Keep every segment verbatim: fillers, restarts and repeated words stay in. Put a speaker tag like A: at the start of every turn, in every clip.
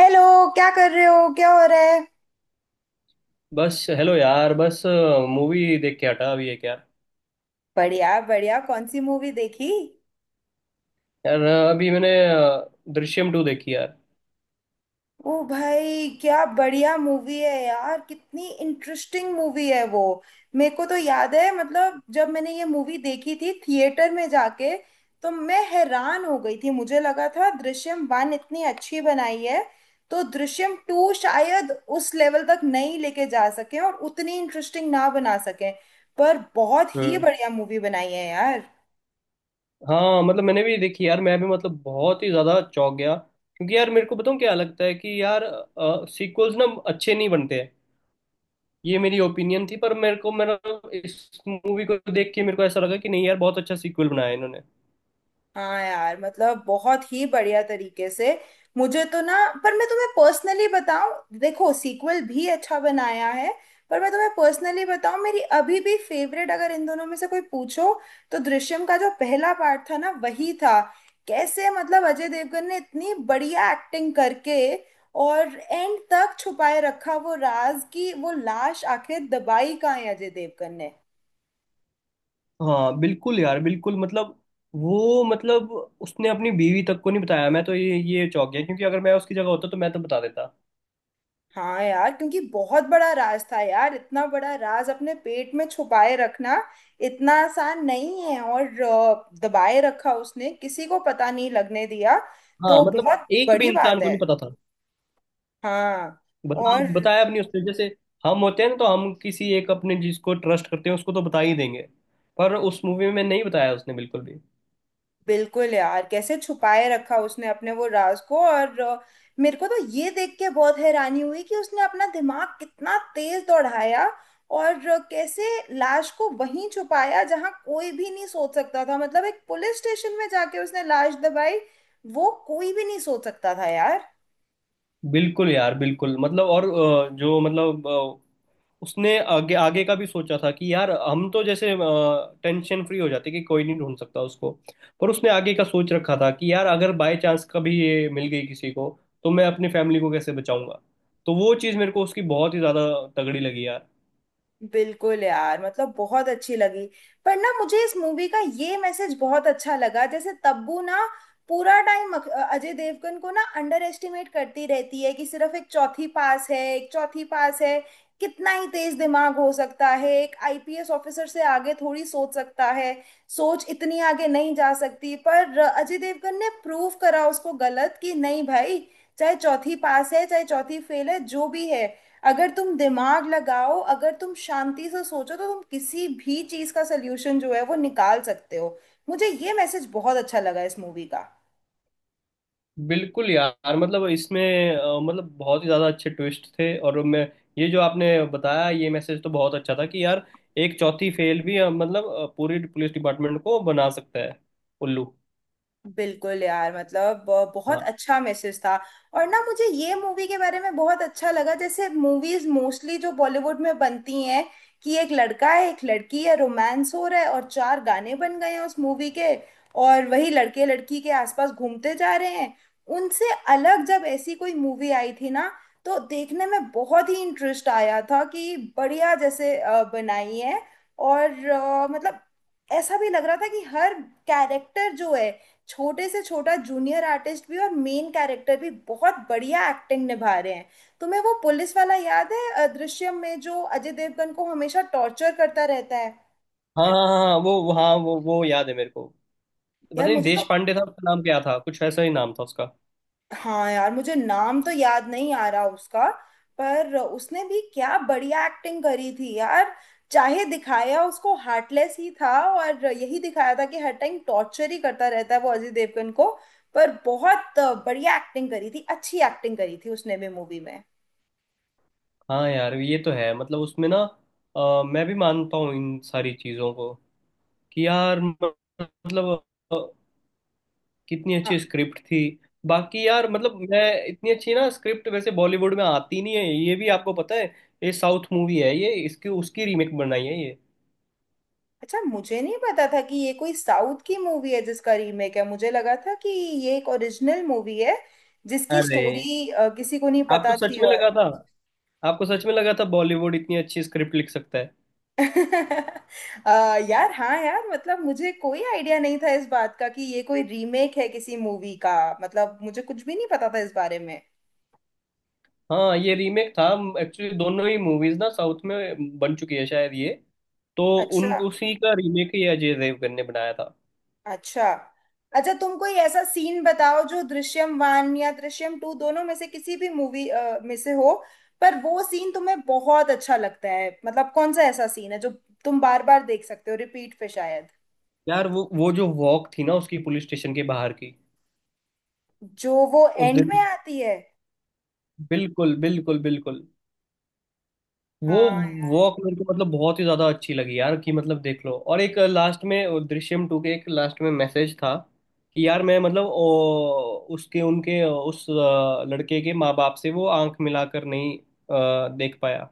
A: Hello. क्या कर रहे हो, क्या हो रहा है?
B: बस हेलो यार, बस मूवी देख के हटा अभी एक यार।
A: बढ़िया बढ़िया, कौन सी मूवी देखी?
B: यार अ, अभी मैंने अ, दृश्यम टू देखी यार।
A: ओ भाई, क्या बढ़िया मूवी है यार, कितनी इंटरेस्टिंग मूवी है वो। मेरे को तो याद है, मतलब जब मैंने ये मूवी देखी थी थिएटर में जाके, तो मैं हैरान हो गई थी। मुझे लगा था दृश्यम वन इतनी अच्छी बनाई है, तो दृश्यम टू शायद उस लेवल तक नहीं लेके जा सके और उतनी इंटरेस्टिंग ना बना सके, पर बहुत ही
B: हम्म।
A: बढ़िया मूवी बनाई है यार।
B: हाँ मतलब मैंने भी देखी यार, मैं भी मतलब बहुत ही ज्यादा चौंक गया, क्योंकि यार मेरे को बताऊँ क्या लगता है कि यार सीक्वल्स ना अच्छे नहीं बनते हैं। ये मेरी ओपिनियन थी, पर मेरे को मेरा इस मूवी को देख के मेरे को ऐसा लगा कि नहीं यार, बहुत अच्छा सीक्वल बनाया है इन्होंने।
A: हाँ यार, मतलब बहुत ही बढ़िया तरीके से। मुझे तो ना, पर मैं तुम्हें पर्सनली बताऊं, देखो सीक्वल भी अच्छा बनाया है, पर मैं तुम्हें पर्सनली बताऊं, मेरी अभी भी फेवरेट अगर इन दोनों में से कोई पूछो तो दृश्यम का जो पहला पार्ट था ना, वही था। कैसे मतलब अजय देवगन ने इतनी बढ़िया एक्टिंग करके और एंड तक छुपाए रखा वो राज, की वो लाश आखिर दबाई कहाँ है अजय देवगन ने।
B: हाँ बिल्कुल यार, बिल्कुल मतलब वो मतलब उसने अपनी बीवी तक को नहीं बताया। मैं तो ये ये चौंक गया, क्योंकि अगर मैं उसकी जगह होता तो मैं तो बता देता।
A: हाँ यार, क्योंकि बहुत बड़ा राज था यार। इतना बड़ा राज अपने पेट में छुपाए रखना इतना आसान नहीं है, और अ, दबाए रखा उसने, किसी को पता नहीं लगने दिया,
B: हाँ
A: तो
B: मतलब
A: बहुत
B: एक भी
A: बड़ी
B: इंसान
A: बात
B: को
A: है।
B: नहीं पता था।
A: हाँ।
B: बता
A: और
B: बताया अपनी उसने जैसे हम होते हैं ना, तो हम किसी एक अपने जिसको ट्रस्ट करते हैं उसको तो बता ही देंगे, पर उस मूवी में नहीं बताया उसने बिल्कुल भी।
A: बिल्कुल यार, कैसे छुपाए रखा उसने अपने वो राज को। और अ, मेरे को तो ये देख के बहुत हैरानी हुई कि उसने अपना दिमाग कितना तेज दौड़ाया, और अ, कैसे लाश को वहीं छुपाया जहां कोई भी नहीं सोच सकता था। मतलब एक पुलिस स्टेशन में जाके उसने लाश दबाई, वो कोई भी नहीं सोच सकता था यार।
B: बिल्कुल यार, बिल्कुल मतलब, और अ, जो मतलब अ, उसने आगे आगे का भी सोचा था कि यार हम तो जैसे टेंशन फ्री हो जाते कि कोई नहीं ढूंढ सकता उसको, पर उसने आगे का सोच रखा था कि यार अगर बाय चांस कभी ये मिल गई किसी को, तो मैं अपनी फैमिली को कैसे बचाऊंगा। तो वो चीज़ मेरे को उसकी बहुत ही ज़्यादा तगड़ी लगी यार।
A: बिल्कुल यार, मतलब बहुत अच्छी लगी। पर ना, मुझे इस मूवी का ये मैसेज बहुत अच्छा लगा। जैसे तब्बू ना पूरा टाइम अजय देवगन को ना अंडर एस्टिमेट करती रहती है कि सिर्फ एक चौथी पास है, एक चौथी पास है, कितना ही तेज दिमाग हो सकता है, एक आईपीएस ऑफिसर से आगे थोड़ी सोच सकता है, सोच इतनी आगे नहीं जा सकती। पर अजय देवगन ने प्रूव करा उसको गलत कि नहीं भाई, चाहे चौथी पास है चाहे चौथी फेल है, जो भी है, अगर तुम दिमाग लगाओ, अगर तुम शांति से सोचो, तो तुम किसी भी चीज का सोल्यूशन जो है वो निकाल सकते हो। मुझे ये मैसेज बहुत अच्छा लगा इस मूवी का।
B: बिल्कुल यार मतलब इसमें अ, मतलब बहुत ही ज़्यादा अच्छे ट्विस्ट थे। और मैं, ये जो आपने बताया, ये मैसेज तो बहुत अच्छा था कि यार एक चौथी फेल भी अ, मतलब अ, पूरी पुलिस डिपार्टमेंट को बना सकता है उल्लू।
A: बिल्कुल यार, मतलब ब- बहुत
B: हाँ
A: अच्छा मैसेज था। और ना, मुझे ये मूवी के बारे में बहुत अच्छा लगा। जैसे मूवीज मोस्टली जो बॉलीवुड में बनती हैं कि एक लड़का है, एक लड़की है, रोमांस हो रहा है और चार गाने बन गए हैं उस मूवी के, और वही लड़के लड़की के आसपास घूमते जा रहे हैं। उनसे अलग जब ऐसी कोई मूवी आई थी ना, तो देखने में बहुत ही इंटरेस्ट आया था कि बढ़िया जैसे अ, बनाई है। और अ, मतलब ऐसा भी लग रहा था कि हर कैरेक्टर जो है, छोटे से छोटा जूनियर आर्टिस्ट भी और मेन कैरेक्टर भी बहुत बढ़िया एक्टिंग निभा रहे हैं। तुम्हें वो पुलिस वाला याद है अदृश्यम में, जो अजय देवगन को हमेशा टॉर्चर करता रहता है?
B: हाँ हाँ हाँ हाँ, वो वो- हाँ वो वो याद है मेरे को। पता
A: यार
B: नहीं
A: मुझे
B: देश
A: तो।
B: पांडे था उसका नाम, क्या था कुछ ऐसा ही नाम था उसका।
A: हाँ यार, मुझे नाम तो याद नहीं आ रहा उसका, पर उसने भी क्या बढ़िया एक्टिंग करी थी यार। चाहे दिखाया उसको हार्टलेस ही था और यही दिखाया था कि हर टाइम टॉर्चर ही करता रहता है वो अजय देवगन को, पर बहुत बढ़िया एक्टिंग करी थी, अच्छी एक्टिंग करी थी उसने भी मूवी में।
B: हाँ यार, ये तो है मतलब उसमें ना अ, मैं भी मानता हूँ इन सारी चीज़ों को कि यार मतलब कितनी अच्छी स्क्रिप्ट थी। बाकी यार मतलब मैं, इतनी अच्छी ना स्क्रिप्ट वैसे बॉलीवुड में आती नहीं है, ये भी आपको पता है। ये साउथ मूवी है, ये इसकी उसकी रीमेक बनाई है ये।
A: अच्छा, मुझे नहीं पता था कि ये कोई साउथ की मूवी है जिसका रीमेक है। मुझे लगा था कि ये एक ओरिजिनल मूवी है जिसकी
B: अरे,
A: स्टोरी किसी को नहीं
B: आपको
A: पता
B: सच
A: थी।
B: में
A: और
B: लगा था? आपको सच में लगा था बॉलीवुड इतनी अच्छी स्क्रिप्ट लिख सकता है?
A: अ, यार हाँ यार, मतलब मुझे कोई आइडिया नहीं था इस बात का कि ये कोई रीमेक है किसी मूवी का। मतलब मुझे कुछ भी नहीं पता था इस बारे में।
B: हाँ ये रीमेक था, एक्चुअली दोनों ही मूवीज ना साउथ में बन चुकी है शायद ये। तो उन
A: अच्छा।
B: उसी का रीमेक ही अजय देवगन ने बनाया था।
A: अच्छा, अच्छा तुम कोई ऐसा सीन बताओ जो दृश्यम वन या दृश्यम टू दोनों में से किसी भी मूवी में से हो, पर वो सीन तुम्हें बहुत अच्छा लगता है। मतलब कौन सा ऐसा सीन है जो तुम बार बार देख सकते हो, रिपीट पे शायद।
B: यार वो वो जो वॉक थी ना उसकी, पुलिस स्टेशन के बाहर की,
A: जो वो
B: उस
A: एंड में
B: दिन।
A: आती है।
B: बिल्कुल बिल्कुल बिल्कुल, वो
A: हाँ यार।
B: वॉक मेरे को मतलब बहुत ही ज्यादा अच्छी लगी यार। कि मतलब देख लो, और एक लास्ट में वो दृश्यम टू के एक लास्ट में मैसेज था कि यार, मैं मतलब ओ, उसके उनके उस अ, लड़के के माँ बाप से वो आंख मिलाकर नहीं अ, देख पाया,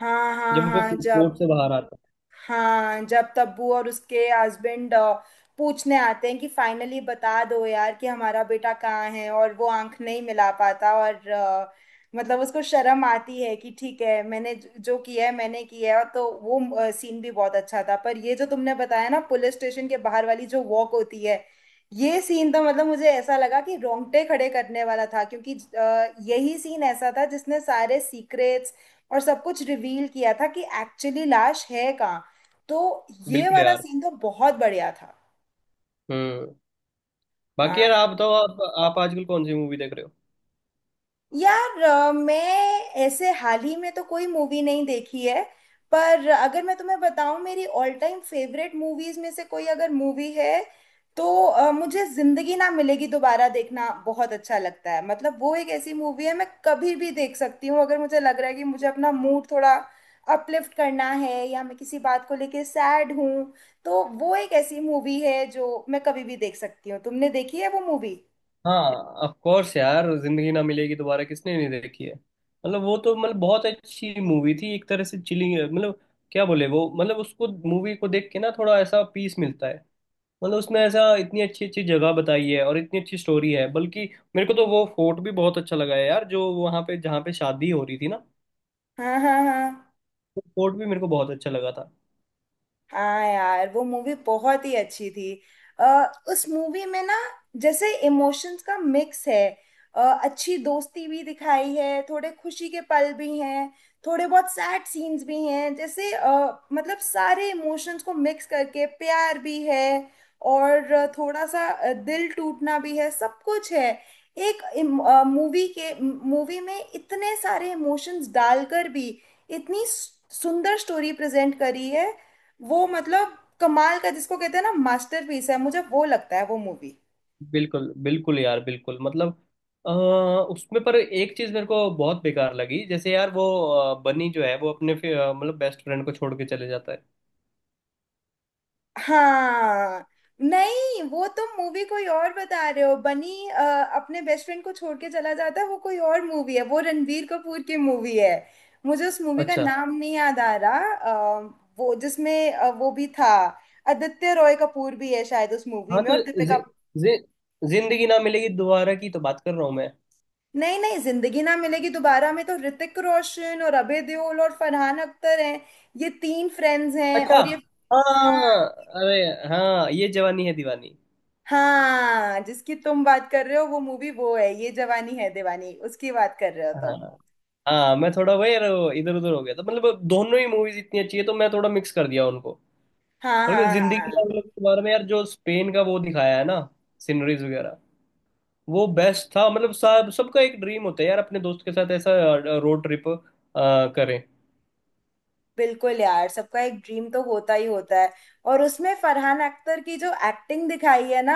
A: हाँ हाँ
B: जब वो
A: हाँ, जब।
B: कोर्ट से बाहर आता।
A: हाँ, जब तब्बू और उसके हस्बैंड पूछने आते हैं कि फाइनली बता दो यार कि हमारा बेटा कहाँ है, और वो आंख नहीं मिला पाता, और अ, मतलब उसको शर्म आती है कि ठीक है, मैंने ज- जो किया है मैंने किया है, तो वो सीन भी बहुत अच्छा था। पर ये जो तुमने बताया ना, पुलिस स्टेशन के बाहर वाली जो वॉक होती है, ये सीन तो मतलब मुझे ऐसा लगा कि रोंगटे खड़े करने वाला था, क्योंकि अ, यही सीन ऐसा था जिसने सारे सीक्रेट्स और सब कुछ रिवील किया था कि एक्चुअली लाश है कहाँ। तो ये
B: बिल्कुल
A: वाला
B: यार।
A: सीन तो बहुत बढ़िया था।
B: हम्म। बाकी
A: हाँ।
B: यार आप बताओ, आप आप आजकल कौन सी मूवी देख रहे हो?
A: यार अ, मैं ऐसे हाल ही में तो कोई मूवी नहीं देखी है, पर अगर मैं तुम्हें बताऊं, मेरी ऑल टाइम फेवरेट मूवीज में से कोई अगर मूवी है, तो अ, मुझे जिंदगी ना मिलेगी दोबारा देखना बहुत अच्छा लगता है। मतलब वो एक ऐसी मूवी है, मैं कभी भी देख सकती हूँ। अगर मुझे लग रहा है कि मुझे अपना मूड थोड़ा अपलिफ्ट करना है, या मैं किसी बात को लेके सैड हूँ, तो वो एक ऐसी मूवी है जो मैं कभी भी देख सकती हूँ। तुमने देखी है वो मूवी?
B: हाँ, ऑफ कोर्स यार, जिंदगी ना मिलेगी दोबारा किसने नहीं देखी है। मतलब वो तो मतलब बहुत अच्छी मूवी थी, एक तरह से चिलिंग मतलब क्या बोले वो। मतलब उसको मूवी को देख के ना थोड़ा ऐसा पीस मिलता है। मतलब उसमें ऐसा इतनी अच्छी अच्छी जगह बताई है और इतनी अच्छी स्टोरी है। बल्कि मेरे को तो वो फोर्ट भी बहुत अच्छा लगा है यार, जो वहाँ पे जहाँ पे शादी हो रही थी ना,
A: हाँ हाँ हाँ।
B: वो फोर्ट भी मेरे को बहुत अच्छा लगा था।
A: हाँ यार, वो मूवी बहुत ही अच्छी थी। आ, उस मूवी में ना, जैसे इमोशंस का मिक्स है। अ, अच्छी दोस्ती भी दिखाई है, थोड़े खुशी के पल भी हैं, थोड़े बहुत सैड सीन्स भी हैं। जैसे अ, मतलब सारे इमोशंस को मिक्स करके, प्यार भी है और थोड़ा सा अ, दिल टूटना भी है, सब कुछ है। एक मूवी के, मूवी में इतने सारे इमोशंस डालकर भी इतनी सु- सुंदर स्टोरी प्रेजेंट करी है। वो मतलब कमाल का, जिसको कहते हैं ना मास्टरपीस है, मुझे वो लगता है वो मूवी।
B: बिल्कुल बिल्कुल यार, बिल्कुल मतलब अ, उसमें पर एक चीज मेरे को बहुत बेकार लगी, जैसे यार वो अ, बनी जो है वो अपने फि- अ, मतलब बेस्ट फ्रेंड को छोड़ के चले जाता है।
A: हाँ। नहीं, वो तुम मूवी कोई और बता रहे हो। बनी अ, अपने बेस्ट फ्रेंड को छोड़ के चला जाता है, वो कोई और मूवी है, वो रणबीर कपूर की मूवी है। मुझे उस मूवी का
B: अच्छा,
A: नाम नहीं याद आ रहा। अ, वो जिसमें अ, वो भी था, आदित्य रॉय कपूर भी है शायद उस मूवी
B: हाँ
A: में
B: तो
A: और
B: जि,
A: दीपिका।
B: जि, जिंदगी ना मिलेगी दोबारा की तो बात कर रहा हूँ मैं।
A: नहीं नहीं, जिंदगी ना मिलेगी दोबारा में तो ऋतिक रोशन और अभय देओल और फरहान अख्तर हैं, ये तीन फ्रेंड्स हैं,
B: अच्छा,
A: और ये हाँ।
B: हाँ, अरे हाँ, ये जवानी है दीवानी।
A: हाँ, जिसकी तुम बात कर रहे हो वो मूवी वो है ये जवानी है दीवानी, उसकी बात कर रहे हो
B: हाँ,
A: तुम।
B: हाँ मैं थोड़ा वही यार इधर उधर हो गया था। मतलब दोनों ही मूवीज इतनी अच्छी है तो मैं थोड़ा मिक्स कर दिया उनको।
A: हाँ
B: बल्कि
A: हाँ हाँ
B: जिंदगी
A: हाँ।
B: ना मिलेगी दोबारा में यार, जो स्पेन का वो दिखाया है ना, सीनरीज वगैरह, वो बेस्ट था। मतलब सब सबका एक ड्रीम होता है यार, अपने दोस्त के साथ ऐसा रोड ट्रिप करें।
A: बिल्कुल यार, सबका एक ड्रीम तो होता ही होता है। और उसमें फरहान अख्तर की जो एक्टिंग दिखाई है ना,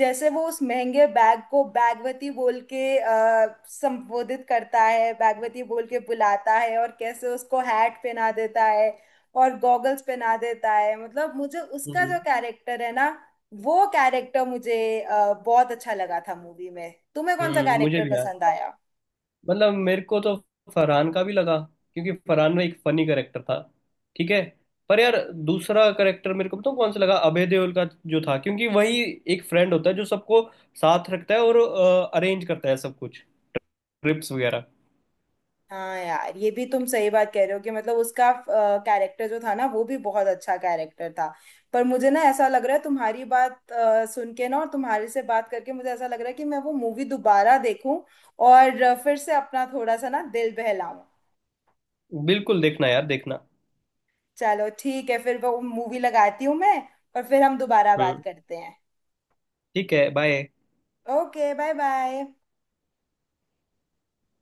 A: जैसे वो उस महंगे बैग को बैगवती बोल के अ, संबोधित करता है, बैगवती बोल के बुलाता है, और कैसे उसको हैट पहना देता है और गॉगल्स पहना देता है। मतलब मुझे उसका जो
B: हम्म।
A: कैरेक्टर है ना, वो कैरेक्टर मुझे अ, बहुत अच्छा लगा था मूवी में। तुम्हें कौन सा
B: हम्म, मुझे
A: कैरेक्टर
B: भी यार,
A: पसंद आया?
B: मतलब मेरे को तो फरहान का भी लगा, क्योंकि फरहान में एक फनी करेक्टर था। ठीक है, पर यार दूसरा करेक्टर मेरे को पता कौन सा लगा, अभय देओल का जो था, क्योंकि वही एक फ्रेंड होता है जो सबको साथ रखता है और अरेंज करता है सब कुछ, ट्रिप्स वगैरह।
A: हाँ यार, ये भी तुम सही बात कह रहे हो कि मतलब उसका कैरेक्टर जो था ना, वो भी बहुत अच्छा कैरेक्टर था। पर मुझे ना ऐसा लग रहा है तुम्हारी बात अ, सुन के ना, और तुम्हारे से बात करके मुझे ऐसा लग रहा है कि मैं वो मूवी दोबारा देखूं, और अ, फिर से अपना थोड़ा सा ना दिल बहलाऊं।
B: बिल्कुल देखना यार, देखना।
A: चलो ठीक है, फिर वो मूवी लगाती हूँ मैं, और फिर हम दोबारा बात
B: हम्म,
A: करते हैं।
B: ठीक है, बाय।
A: Okay, bye bye.